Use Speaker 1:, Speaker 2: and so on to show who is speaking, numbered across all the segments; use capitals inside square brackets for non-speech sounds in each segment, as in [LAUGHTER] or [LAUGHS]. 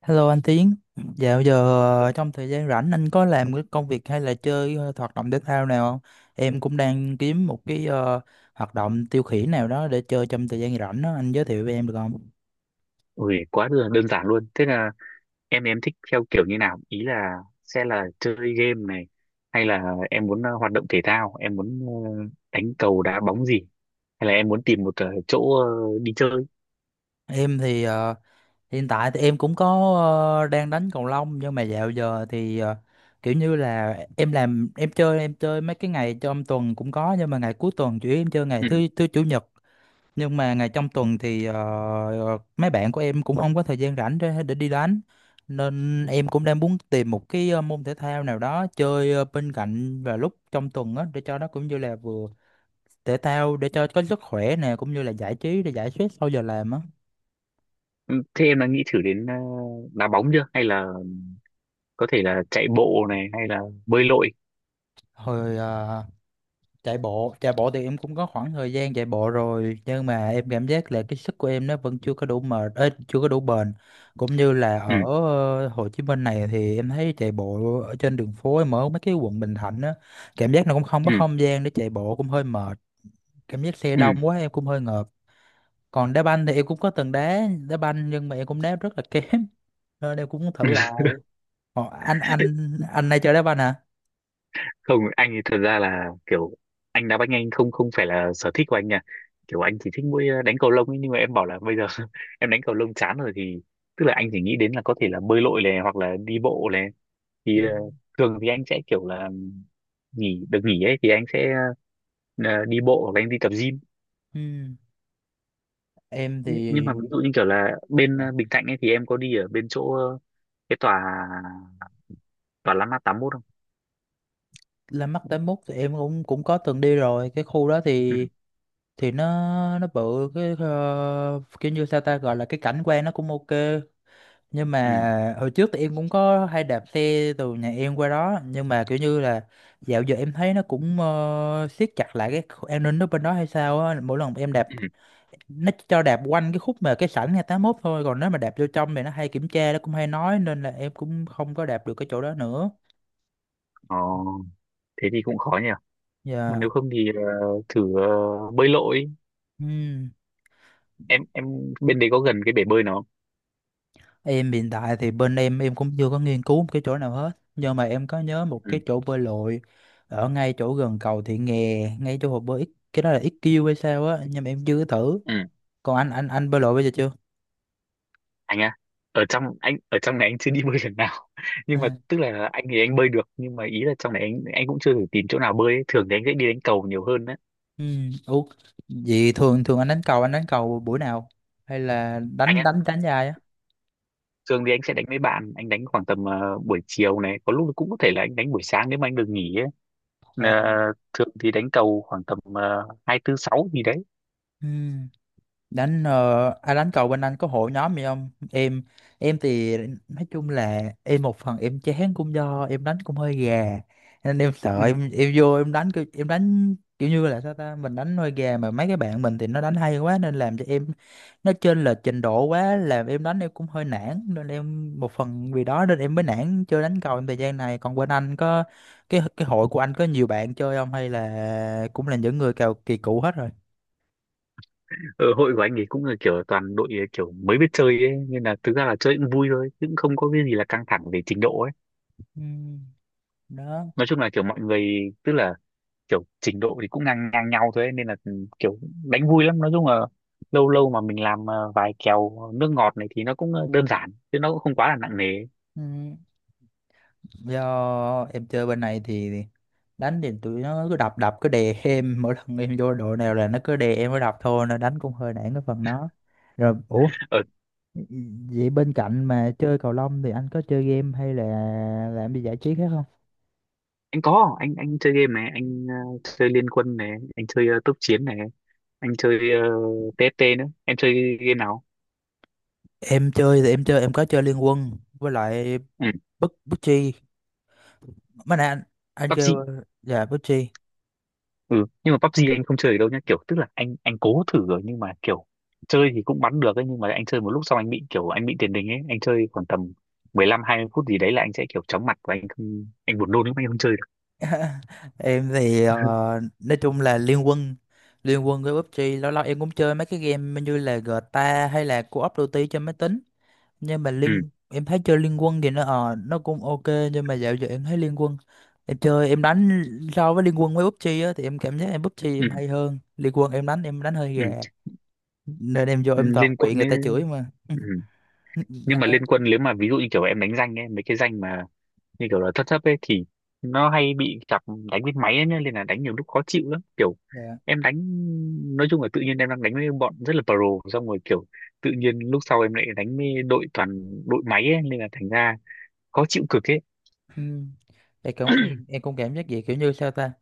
Speaker 1: Hello anh Tiến, dạo giờ trong thời gian rảnh anh có làm cái công việc hay là chơi hoạt động thể thao nào không? Em cũng đang kiếm một cái hoạt động tiêu khiển nào đó để chơi trong thời gian rảnh đó, anh giới thiệu với em được không?
Speaker 2: Ui, quá đơn đơn giản luôn. Thế là em thích theo kiểu như nào? Ý là sẽ là chơi game này hay là em muốn hoạt động thể thao, em muốn đánh cầu đá bóng gì hay là em muốn tìm một chỗ đi chơi.
Speaker 1: Em thì hiện tại thì em cũng có đang đánh cầu lông, nhưng mà dạo giờ thì kiểu như là em làm, em chơi mấy cái ngày trong tuần cũng có, nhưng mà ngày cuối tuần chủ yếu em chơi ngày
Speaker 2: Ừ.
Speaker 1: thứ thứ chủ nhật. Nhưng mà ngày trong tuần thì mấy bạn của em cũng không có thời gian rảnh để đi đánh, nên em cũng đang muốn tìm một cái môn thể thao nào đó chơi bên cạnh và lúc trong tuần á, để cho nó cũng như là vừa thể thao để cho có sức khỏe nè, cũng như là giải trí để giải stress sau giờ làm á.
Speaker 2: Ừ, thế em đã nghĩ thử đến đá bóng chưa? Hay là có thể là chạy bộ này hay là bơi lội?
Speaker 1: Hồi chạy bộ thì em cũng có khoảng thời gian chạy bộ rồi, nhưng mà em cảm giác là cái sức của em nó vẫn chưa có đủ mệt ấy, chưa có đủ bền, cũng như là
Speaker 2: Ừ,
Speaker 1: ở Hồ Chí Minh này thì em thấy chạy bộ ở trên đường phố, em ở mấy cái quận Bình Thạnh á, cảm giác nó cũng không có
Speaker 2: ừ,
Speaker 1: không gian để chạy bộ, cũng hơi mệt. Cảm giác xe
Speaker 2: ừ.
Speaker 1: đông quá em cũng hơi ngợp. Còn đá banh thì em cũng có từng đá đá banh, nhưng mà em cũng đá rất là kém [LAUGHS] nên em cũng muốn thử
Speaker 2: [LAUGHS]
Speaker 1: lại. Ồ, anh này chơi đá banh hả?
Speaker 2: Không, anh thì thật ra là kiểu anh đá banh, anh không không phải là sở thích của anh nha. Kiểu anh chỉ thích mỗi đánh cầu lông ấy, nhưng mà em bảo là bây giờ [LAUGHS] em đánh cầu lông chán rồi thì tức là anh chỉ nghĩ đến là có thể là bơi lội này hoặc là đi bộ này
Speaker 1: Ừ.
Speaker 2: thì thường thì anh sẽ kiểu là nghỉ được nghỉ ấy thì anh sẽ đi bộ hoặc là anh đi tập gym.
Speaker 1: Ừ, em
Speaker 2: Nhưng
Speaker 1: thì
Speaker 2: mà ví dụ như kiểu là bên
Speaker 1: dạ,
Speaker 2: Bình Thạnh ấy thì em có đi ở bên chỗ cái tòa tòa Landmark 81 không?
Speaker 1: La Mắt tám mốt thì em cũng cũng có từng đi rồi. Cái khu đó
Speaker 2: Ừ,
Speaker 1: thì nó bự cái kiểu như sao ta gọi là, cái cảnh quan nó cũng ok, nhưng
Speaker 2: ừ,
Speaker 1: mà hồi trước thì em cũng có hay đạp xe từ nhà em qua đó, nhưng mà kiểu như là dạo giờ em thấy nó cũng siết chặt lại cái an ninh ở bên đó hay sao á, mỗi lần em đạp
Speaker 2: ừ.
Speaker 1: nó cho đạp quanh cái khúc mà cái sảnh ngày tám mốt thôi, còn nếu mà đạp vô trong thì nó hay kiểm tra, nó cũng hay nói, nên là em cũng không có đạp được cái chỗ đó nữa.
Speaker 2: Ờ, thế thì cũng khó nhỉ. Mà
Speaker 1: Dạ.
Speaker 2: nếu không thì thử bơi lội.
Speaker 1: Ừ.
Speaker 2: Em bên đấy có gần cái bể bơi nó không?
Speaker 1: Em hiện tại thì bên em cũng chưa có nghiên cứu một cái chỗ nào hết, nhưng mà em có nhớ một cái
Speaker 2: Ừ,
Speaker 1: chỗ bơi lội ở ngay chỗ gần cầu Thị Nghè, ngay chỗ hồ bơi cái đó là XQ hay sao á, nhưng mà em chưa có thử.
Speaker 2: ừ.
Speaker 1: Còn anh bơi lội bây giờ chưa?
Speaker 2: Anh à? Ở trong anh ở trong này anh chưa đi [LAUGHS] bơi lần nào [LAUGHS] nhưng mà
Speaker 1: À.
Speaker 2: tức là anh thì anh bơi được, nhưng mà ý là trong này anh cũng chưa thử tìm chỗ nào bơi ấy. Thường thì anh sẽ đi đánh cầu nhiều hơn đấy.
Speaker 1: Ừ. Ủa, vậy thường thường anh đánh cầu, anh đánh cầu buổi nào hay là
Speaker 2: Anh
Speaker 1: đánh
Speaker 2: á?
Speaker 1: đánh đánh dài á?
Speaker 2: Thường thì anh sẽ đánh với bạn, anh đánh khoảng tầm buổi chiều này, có lúc cũng có thể là anh đánh buổi sáng nếu mà anh được nghỉ ấy.
Speaker 1: Ồ.
Speaker 2: Ờ, thường thì đánh cầu khoảng tầm hai tư sáu gì đấy.
Speaker 1: Ừ. Đánh ai đánh cầu bên anh có hội nhóm gì không? Em, em thì nói chung là em một phần em chán cũng do em đánh cũng hơi gà, nên em
Speaker 2: Ừ.
Speaker 1: sợ em vô em đánh em đánh kiểu như là sao ta, mình đánh hơi gà mà mấy cái bạn mình thì nó đánh hay quá, nên làm cho em nó trên là trình độ quá, làm em đánh em cũng hơi nản, nên em một phần vì đó nên em mới nản chơi đánh cầu trong thời gian này. Còn bên anh có cái hội của anh có nhiều bạn chơi không, hay là cũng là những người cào kỳ cựu hết rồi?
Speaker 2: Ở hội của anh ấy cũng là kiểu toàn đội kiểu mới biết chơi ấy, nên là thực ra là chơi cũng vui thôi chứ cũng không có cái gì là căng thẳng về trình độ ấy.
Speaker 1: Ừ, đó.
Speaker 2: Nói chung là kiểu mọi người, tức là kiểu trình độ thì cũng ngang ngang nhau thôi ấy, nên là kiểu đánh vui lắm. Nói chung là lâu lâu mà mình làm vài kèo nước ngọt này thì nó cũng đơn giản chứ nó cũng không quá là nặng nề ấy.
Speaker 1: Ừ, do em chơi bên này thì đánh thì tụi nó cứ đập đập cứ đè em [LAUGHS] mỗi lần em vô đội nào là nó cứ đè em mới đập thôi, nên đánh cũng hơi nản cái phần đó rồi. Ủa,
Speaker 2: ờ,
Speaker 1: vậy bên cạnh mà chơi cầu lông thì anh có chơi game hay là làm gì giải trí khác không?
Speaker 2: anh có, anh chơi game này, anh chơi Liên Quân này, anh chơi tốc chiến này, anh chơi TFT nữa. Em chơi game nào?
Speaker 1: Em chơi thì em chơi, em có chơi Liên Quân với lại
Speaker 2: Ừ,
Speaker 1: bức bức chi mấy nè anh kêu
Speaker 2: PUBG.
Speaker 1: dạ bức chi?
Speaker 2: Ừ, nhưng mà PUBG anh không chơi được đâu nhá, kiểu tức là anh cố thử rồi nhưng mà kiểu chơi thì cũng bắn được ấy, nhưng mà anh chơi một lúc xong anh bị kiểu anh bị tiền đình ấy, anh chơi khoảng tầm 15-20 phút gì đấy là anh sẽ kiểu chóng mặt và anh không, anh buồn nôn lắm, anh không chơi được.
Speaker 1: Em thì
Speaker 2: [LAUGHS]
Speaker 1: nói chung là liên quân với PUBG, lâu lâu em cũng chơi mấy cái game như là GTA hay là Call of Duty trên máy tính, nhưng mà
Speaker 2: Ừ,
Speaker 1: liên em thấy chơi liên quân thì nó ờ nó cũng ok, nhưng mà dạo giờ em thấy liên quân em chơi em đánh, so với liên quân với PUBG á, thì em cảm giác em PUBG
Speaker 2: ừ,
Speaker 1: em hay hơn, liên quân em đánh hơi
Speaker 2: ừ,
Speaker 1: gà nên em vô em toàn
Speaker 2: liên
Speaker 1: bị
Speaker 2: quân
Speaker 1: người
Speaker 2: ấy.
Speaker 1: ta chửi mà.
Speaker 2: Ừ.
Speaker 1: [LAUGHS]
Speaker 2: Nhưng
Speaker 1: Anh
Speaker 2: mà
Speaker 1: ơi,
Speaker 2: liên quân nếu mà ví dụ như kiểu em đánh danh ấy, mấy cái danh mà như kiểu là thất thấp ấy thì nó hay bị chọc đánh với máy ấy, nhá, nên là đánh nhiều lúc khó chịu lắm kiểu
Speaker 1: dạ.
Speaker 2: em đánh. Nói chung là tự nhiên em đang đánh với bọn rất là pro xong rồi kiểu tự nhiên lúc sau em lại đánh với đội toàn đội máy ấy, nên là thành ra khó chịu cực ấy.
Speaker 1: Ừ. Em cũng em cũng cảm giác vậy, kiểu như sao ta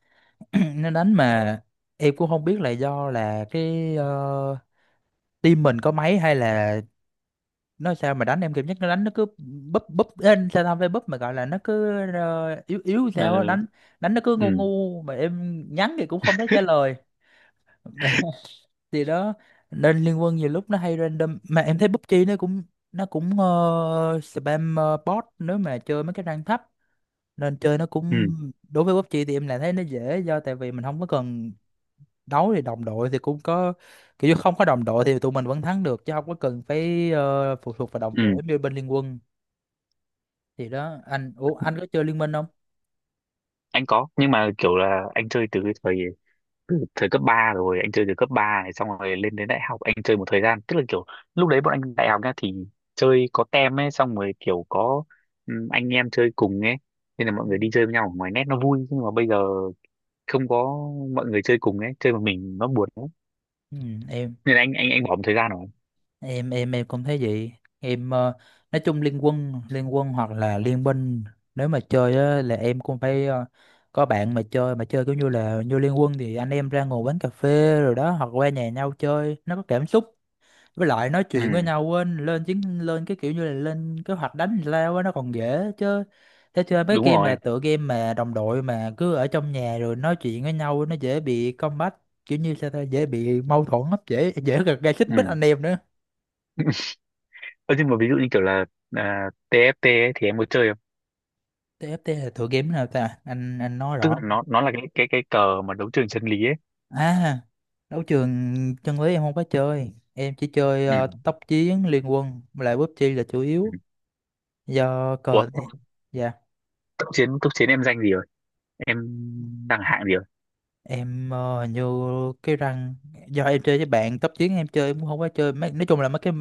Speaker 1: [CLEARS THROAT] nó đánh mà em cũng không biết là do là cái team mình có máy hay là nó sao, mà đánh em cảm giác nó đánh nó cứ búp búp lên sao tao phải búp mà gọi là, nó cứ yếu yếu
Speaker 2: Ừ,
Speaker 1: sao á, đánh đánh nó cứ ngu
Speaker 2: ừ,
Speaker 1: ngu mà em nhắn thì cũng không thấy trả lời. [LAUGHS] Thì đó, nên liên quân nhiều lúc nó hay random, mà em thấy PUBG nó cũng spam bot nếu mà chơi mấy cái rank thấp, nên chơi nó
Speaker 2: ừ,
Speaker 1: cũng, đối với PUBG thì em lại thấy nó dễ, do tại vì mình không có cần đấu thì đồng đội thì cũng có, kiểu như không có đồng đội thì tụi mình vẫn thắng được, chứ không có cần phải phụ thuộc vào đồng
Speaker 2: ừ.
Speaker 1: đội như bên Liên Quân. Thì đó anh, ủa anh có chơi Liên Minh không?
Speaker 2: Anh có, nhưng mà kiểu là anh chơi từ cái thời thời cấp 3 rồi, anh chơi từ cấp 3 này xong rồi lên đến đại học anh chơi một thời gian, tức là kiểu lúc đấy bọn anh đại học nha thì chơi có tem ấy, xong rồi kiểu có anh em chơi cùng ấy, nên là
Speaker 1: Ừ.
Speaker 2: mọi người đi chơi với nhau ở ngoài nét nó vui. Nhưng mà bây giờ không có mọi người chơi cùng ấy, chơi một mình nó buồn lắm,
Speaker 1: Ừ, em
Speaker 2: nên là anh bỏ một thời gian rồi.
Speaker 1: em cũng thấy vậy. Em nói chung Liên Quân, Liên Quân hoặc là Liên Minh, nếu mà chơi á, là em cũng phải có bạn mà chơi, mà chơi kiểu như là như Liên Quân thì anh em ra ngồi quán cà phê rồi đó, hoặc qua nhà nhau chơi, nó có cảm xúc, với lại nói chuyện với
Speaker 2: Ừ,
Speaker 1: nhau quên lên chiến, lên cái kiểu như là lên kế hoạch đánh lao á, nó còn dễ, chứ thế chơi mấy
Speaker 2: đúng
Speaker 1: game mà
Speaker 2: rồi.
Speaker 1: tựa game mà đồng đội mà cứ ở trong nhà rồi nói chuyện với nhau nó dễ bị combat, kiểu như sao ta, dễ bị mâu thuẫn lắm, dễ dễ gây gây xích mích
Speaker 2: Ừ.
Speaker 1: anh em nữa.
Speaker 2: Ơ, nhưng mà ví dụ như kiểu là à, TFT ấy, thì em có chơi không?
Speaker 1: TFT là tựa game nào ta anh nói
Speaker 2: Tức là
Speaker 1: rõ?
Speaker 2: nó là cái cờ mà đấu trường chân lý ấy.
Speaker 1: À, đấu trường chân lý em không có chơi, em chỉ chơi
Speaker 2: Ừ,
Speaker 1: tốc chiến, liên quân với lại PUBG là chủ
Speaker 2: ừ.
Speaker 1: yếu. Do
Speaker 2: Ủa,
Speaker 1: cờ, dạ
Speaker 2: cấp chiến em danh gì? Em đang hạng gì rồi?
Speaker 1: em hình như cái răng, do em chơi với bạn tốc chiến, em chơi em cũng không có chơi mấy, nói chung là mấy cái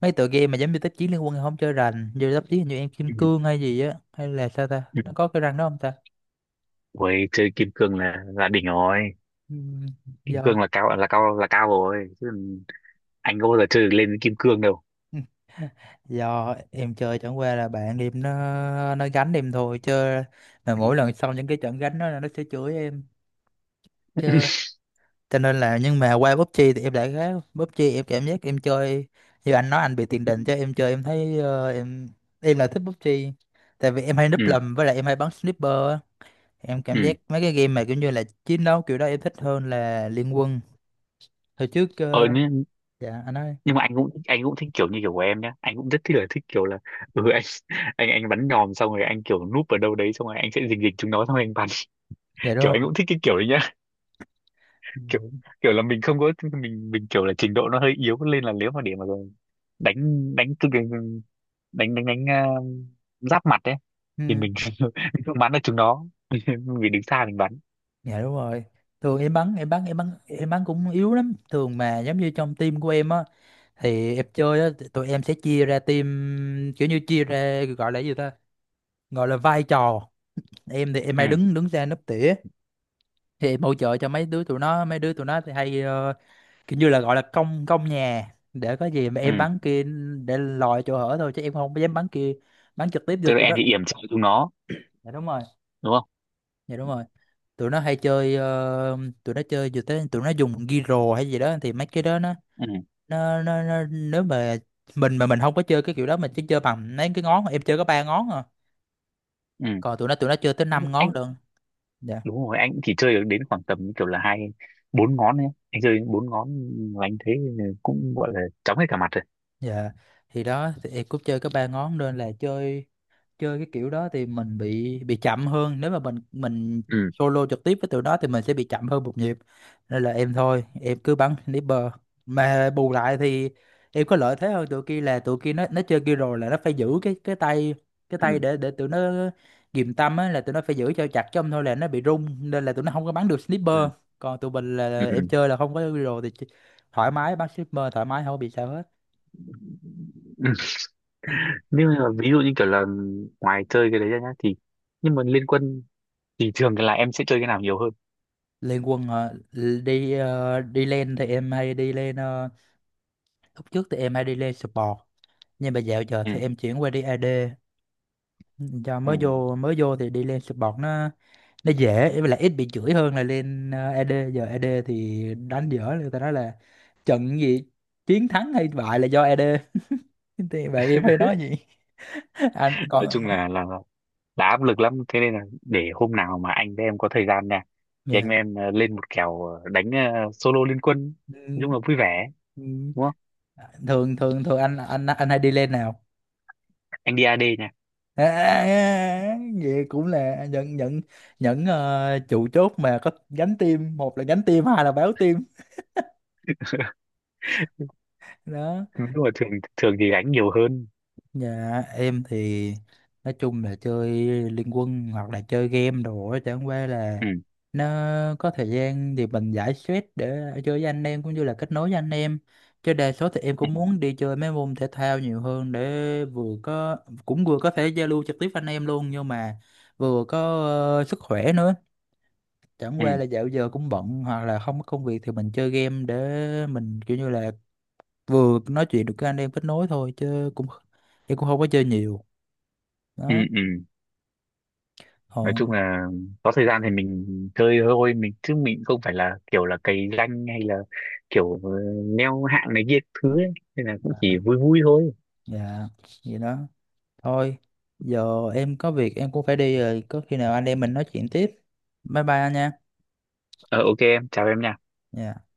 Speaker 1: mấy tựa game mà giống như tốc chiến, liên quân em không chơi rành. Như tốc chiến hình như em kim
Speaker 2: Ừ,
Speaker 1: cương hay gì á, hay là sao ta,
Speaker 2: ừ.
Speaker 1: nó có cái răng đó không ta?
Speaker 2: Ôi, chơi kim cương là đỉnh rồi.
Speaker 1: Ừm,
Speaker 2: Kim
Speaker 1: do
Speaker 2: cương là cao, là cao, là cao rồi chứ, anh có bao giờ chơi được lên kim cương đâu.
Speaker 1: [LAUGHS] do em chơi chẳng qua là bạn em nó gánh em thôi chơi, mà
Speaker 2: Ừ.
Speaker 1: mỗi lần xong những cái trận gánh đó là nó sẽ chửi em,
Speaker 2: [LAUGHS]
Speaker 1: cho nên là nhưng mà qua PUBG thì em lại khác. PUBG em cảm giác em chơi, như anh nói anh bị tiền đình, cho em chơi em thấy ờ, em là thích PUBG tại vì em hay
Speaker 2: Ừ,
Speaker 1: núp lùm, với lại em hay bắn sniper á. Em
Speaker 2: ừ.
Speaker 1: cảm giác mấy cái game mà kiểu như là chiến đấu kiểu đó em thích hơn là Liên Quân. Hồi trước
Speaker 2: ờ nhưng,
Speaker 1: dạ anh ơi,
Speaker 2: nhưng mà anh cũng thích kiểu như kiểu của em nhá, anh cũng rất thích là thích kiểu là ừ, anh bắn nhòm xong rồi anh kiểu núp ở đâu đấy xong rồi anh sẽ rình rịch chúng nó xong rồi anh bắn. [LAUGHS]
Speaker 1: dạ đúng
Speaker 2: Kiểu anh
Speaker 1: rồi.
Speaker 2: cũng thích cái kiểu đấy,
Speaker 1: Ừ.
Speaker 2: kiểu kiểu là mình không có mình kiểu là trình độ nó hơi yếu, nên là nếu mà để mà đánh đánh cái- đánh đánh đánh giáp mặt ấy, thì
Speaker 1: Ừ,
Speaker 2: mình [LAUGHS] không bắn được chúng nó [LAUGHS] vì đứng xa mình bắn.
Speaker 1: dạ đúng rồi. Thường em bắn cũng yếu lắm, thường mà giống như trong team của em á, thì em chơi á, tụi em sẽ chia ra team, kiểu như chia ra gọi là gì ta, gọi là vai trò. Em thì em
Speaker 2: Ừ,
Speaker 1: hay đứng đứng ra nấp tỉa, thì em hỗ trợ cho mấy đứa tụi nó, mấy đứa tụi nó thì hay kiểu như là gọi là công, công nhà, để có gì mà
Speaker 2: ừ,
Speaker 1: em bắn kia để lòi chỗ hở thôi, chứ em không dám bắn kia, bắn trực tiếp vô
Speaker 2: tức là
Speaker 1: tụi
Speaker 2: em
Speaker 1: nó.
Speaker 2: thì yểm trợ chúng nó,
Speaker 1: Dạ đúng rồi.
Speaker 2: đúng không?
Speaker 1: Dạ đúng rồi. Tụi nó hay chơi tụi nó chơi vừa tới tụi nó dùng ghi rồ hay gì đó, thì mấy cái đó nó
Speaker 2: Ừ,
Speaker 1: nó nếu mà mình không có chơi cái kiểu đó, mình chỉ chơi bằng mấy cái ngón, em chơi có ba ngón à,
Speaker 2: ừ.
Speaker 1: còn tụi nó chơi tới
Speaker 2: anh,
Speaker 1: năm ngón
Speaker 2: anh
Speaker 1: luôn.
Speaker 2: đúng rồi, anh chỉ chơi được đến khoảng tầm kiểu là hai bốn ngón ấy, anh chơi bốn ngón, và anh thấy cũng gọi là chóng hết cả mặt rồi.
Speaker 1: Dạ, thì đó, thì em cũng chơi có ba ngón, nên là chơi, chơi cái kiểu đó thì mình bị chậm hơn, nếu mà mình
Speaker 2: Ừ,
Speaker 1: solo trực tiếp với tụi nó thì mình sẽ bị chậm hơn một nhịp, nên là em thôi em cứ bắn sniper, mà bù lại thì em có lợi thế hơn tụi kia, là tụi kia nó chơi kia rồi là nó phải giữ cái cái tay cái
Speaker 2: ừ,
Speaker 1: tay để tụi nó ghìm tâm á, là tụi nó phải giữ cho chặt, chứ không thôi là nó bị rung, nên là tụi nó không có bắn được sniper,
Speaker 2: ừ,
Speaker 1: còn tụi mình
Speaker 2: ừ.
Speaker 1: là em chơi là không có hero thì thoải mái bắn sniper, thoải mái không có bị sao hết.
Speaker 2: Nhưng mà ví dụ như kiểu là ngoài chơi cái đấy ra nhá, thì nhưng mà liên quân thì thường là em sẽ chơi cái nào nhiều hơn?
Speaker 1: Lên quân hả? Đi đi lên thì em hay đi lên lúc trước thì em hay đi lên support, nhưng mà dạo giờ
Speaker 2: Ừ,
Speaker 1: thì em chuyển qua đi AD, cho mới
Speaker 2: ừ.
Speaker 1: vô, mới vô thì đi lên support nó dễ, với lại ít bị chửi hơn là lên AD. Giờ AD thì đánh dở, người ta nói là trận gì chiến thắng hay bại là do AD. [LAUGHS] Thì bạn em hay nói gì. [LAUGHS] Anh còn,
Speaker 2: Nói chung là áp lực lắm, thế nên là để hôm nào mà anh với em có thời gian nha thì anh
Speaker 1: Yeah.
Speaker 2: với em lên một kèo đánh solo liên quân, nói chung
Speaker 1: Ừ.
Speaker 2: là vui vẻ,
Speaker 1: Ừ.
Speaker 2: đúng không?
Speaker 1: thường thường thường anh hay đi lên nào?
Speaker 2: Anh đi AD nha.
Speaker 1: À, à, à, vậy cũng là những trụ chốt mà có gánh team, một là gánh team hai là báo team.
Speaker 2: [LAUGHS]
Speaker 1: Đó.
Speaker 2: Nhưng mà thường thường thì đánh nhiều hơn.
Speaker 1: Nhà em thì nói chung là chơi liên quân hoặc là chơi game đồ á, chẳng qua là
Speaker 2: Ừ,
Speaker 1: nó có thời gian thì mình giải stress để chơi với anh em, cũng như là kết nối với anh em, chứ đa số thì em
Speaker 2: ừ,
Speaker 1: cũng muốn đi chơi mấy môn thể thao nhiều hơn để vừa có, cũng vừa có thể giao lưu trực tiếp với anh em luôn, nhưng mà vừa có sức khỏe nữa. Chẳng
Speaker 2: ừ,
Speaker 1: qua là dạo giờ cũng bận hoặc là không có công việc thì mình chơi game để mình kiểu như là vừa nói chuyện được với anh em, kết nối thôi, chứ cũng không có chơi nhiều.
Speaker 2: ừ.
Speaker 1: Đó.
Speaker 2: Ừ. Nói chung
Speaker 1: Còn,
Speaker 2: là có thời gian thì mình chơi thôi mình, chứ mình không phải là kiểu là cày danh hay là kiểu leo hạng này kia thứ ấy. Nên là cũng
Speaker 1: dạ,
Speaker 2: chỉ vui vui thôi.
Speaker 1: dạ, vậy đó, thôi, giờ em có việc em cũng phải đi rồi, có khi nào anh em mình nói chuyện tiếp. Bye bye anh nha.
Speaker 2: Ờ, ok, em chào em nha.
Speaker 1: Dạ.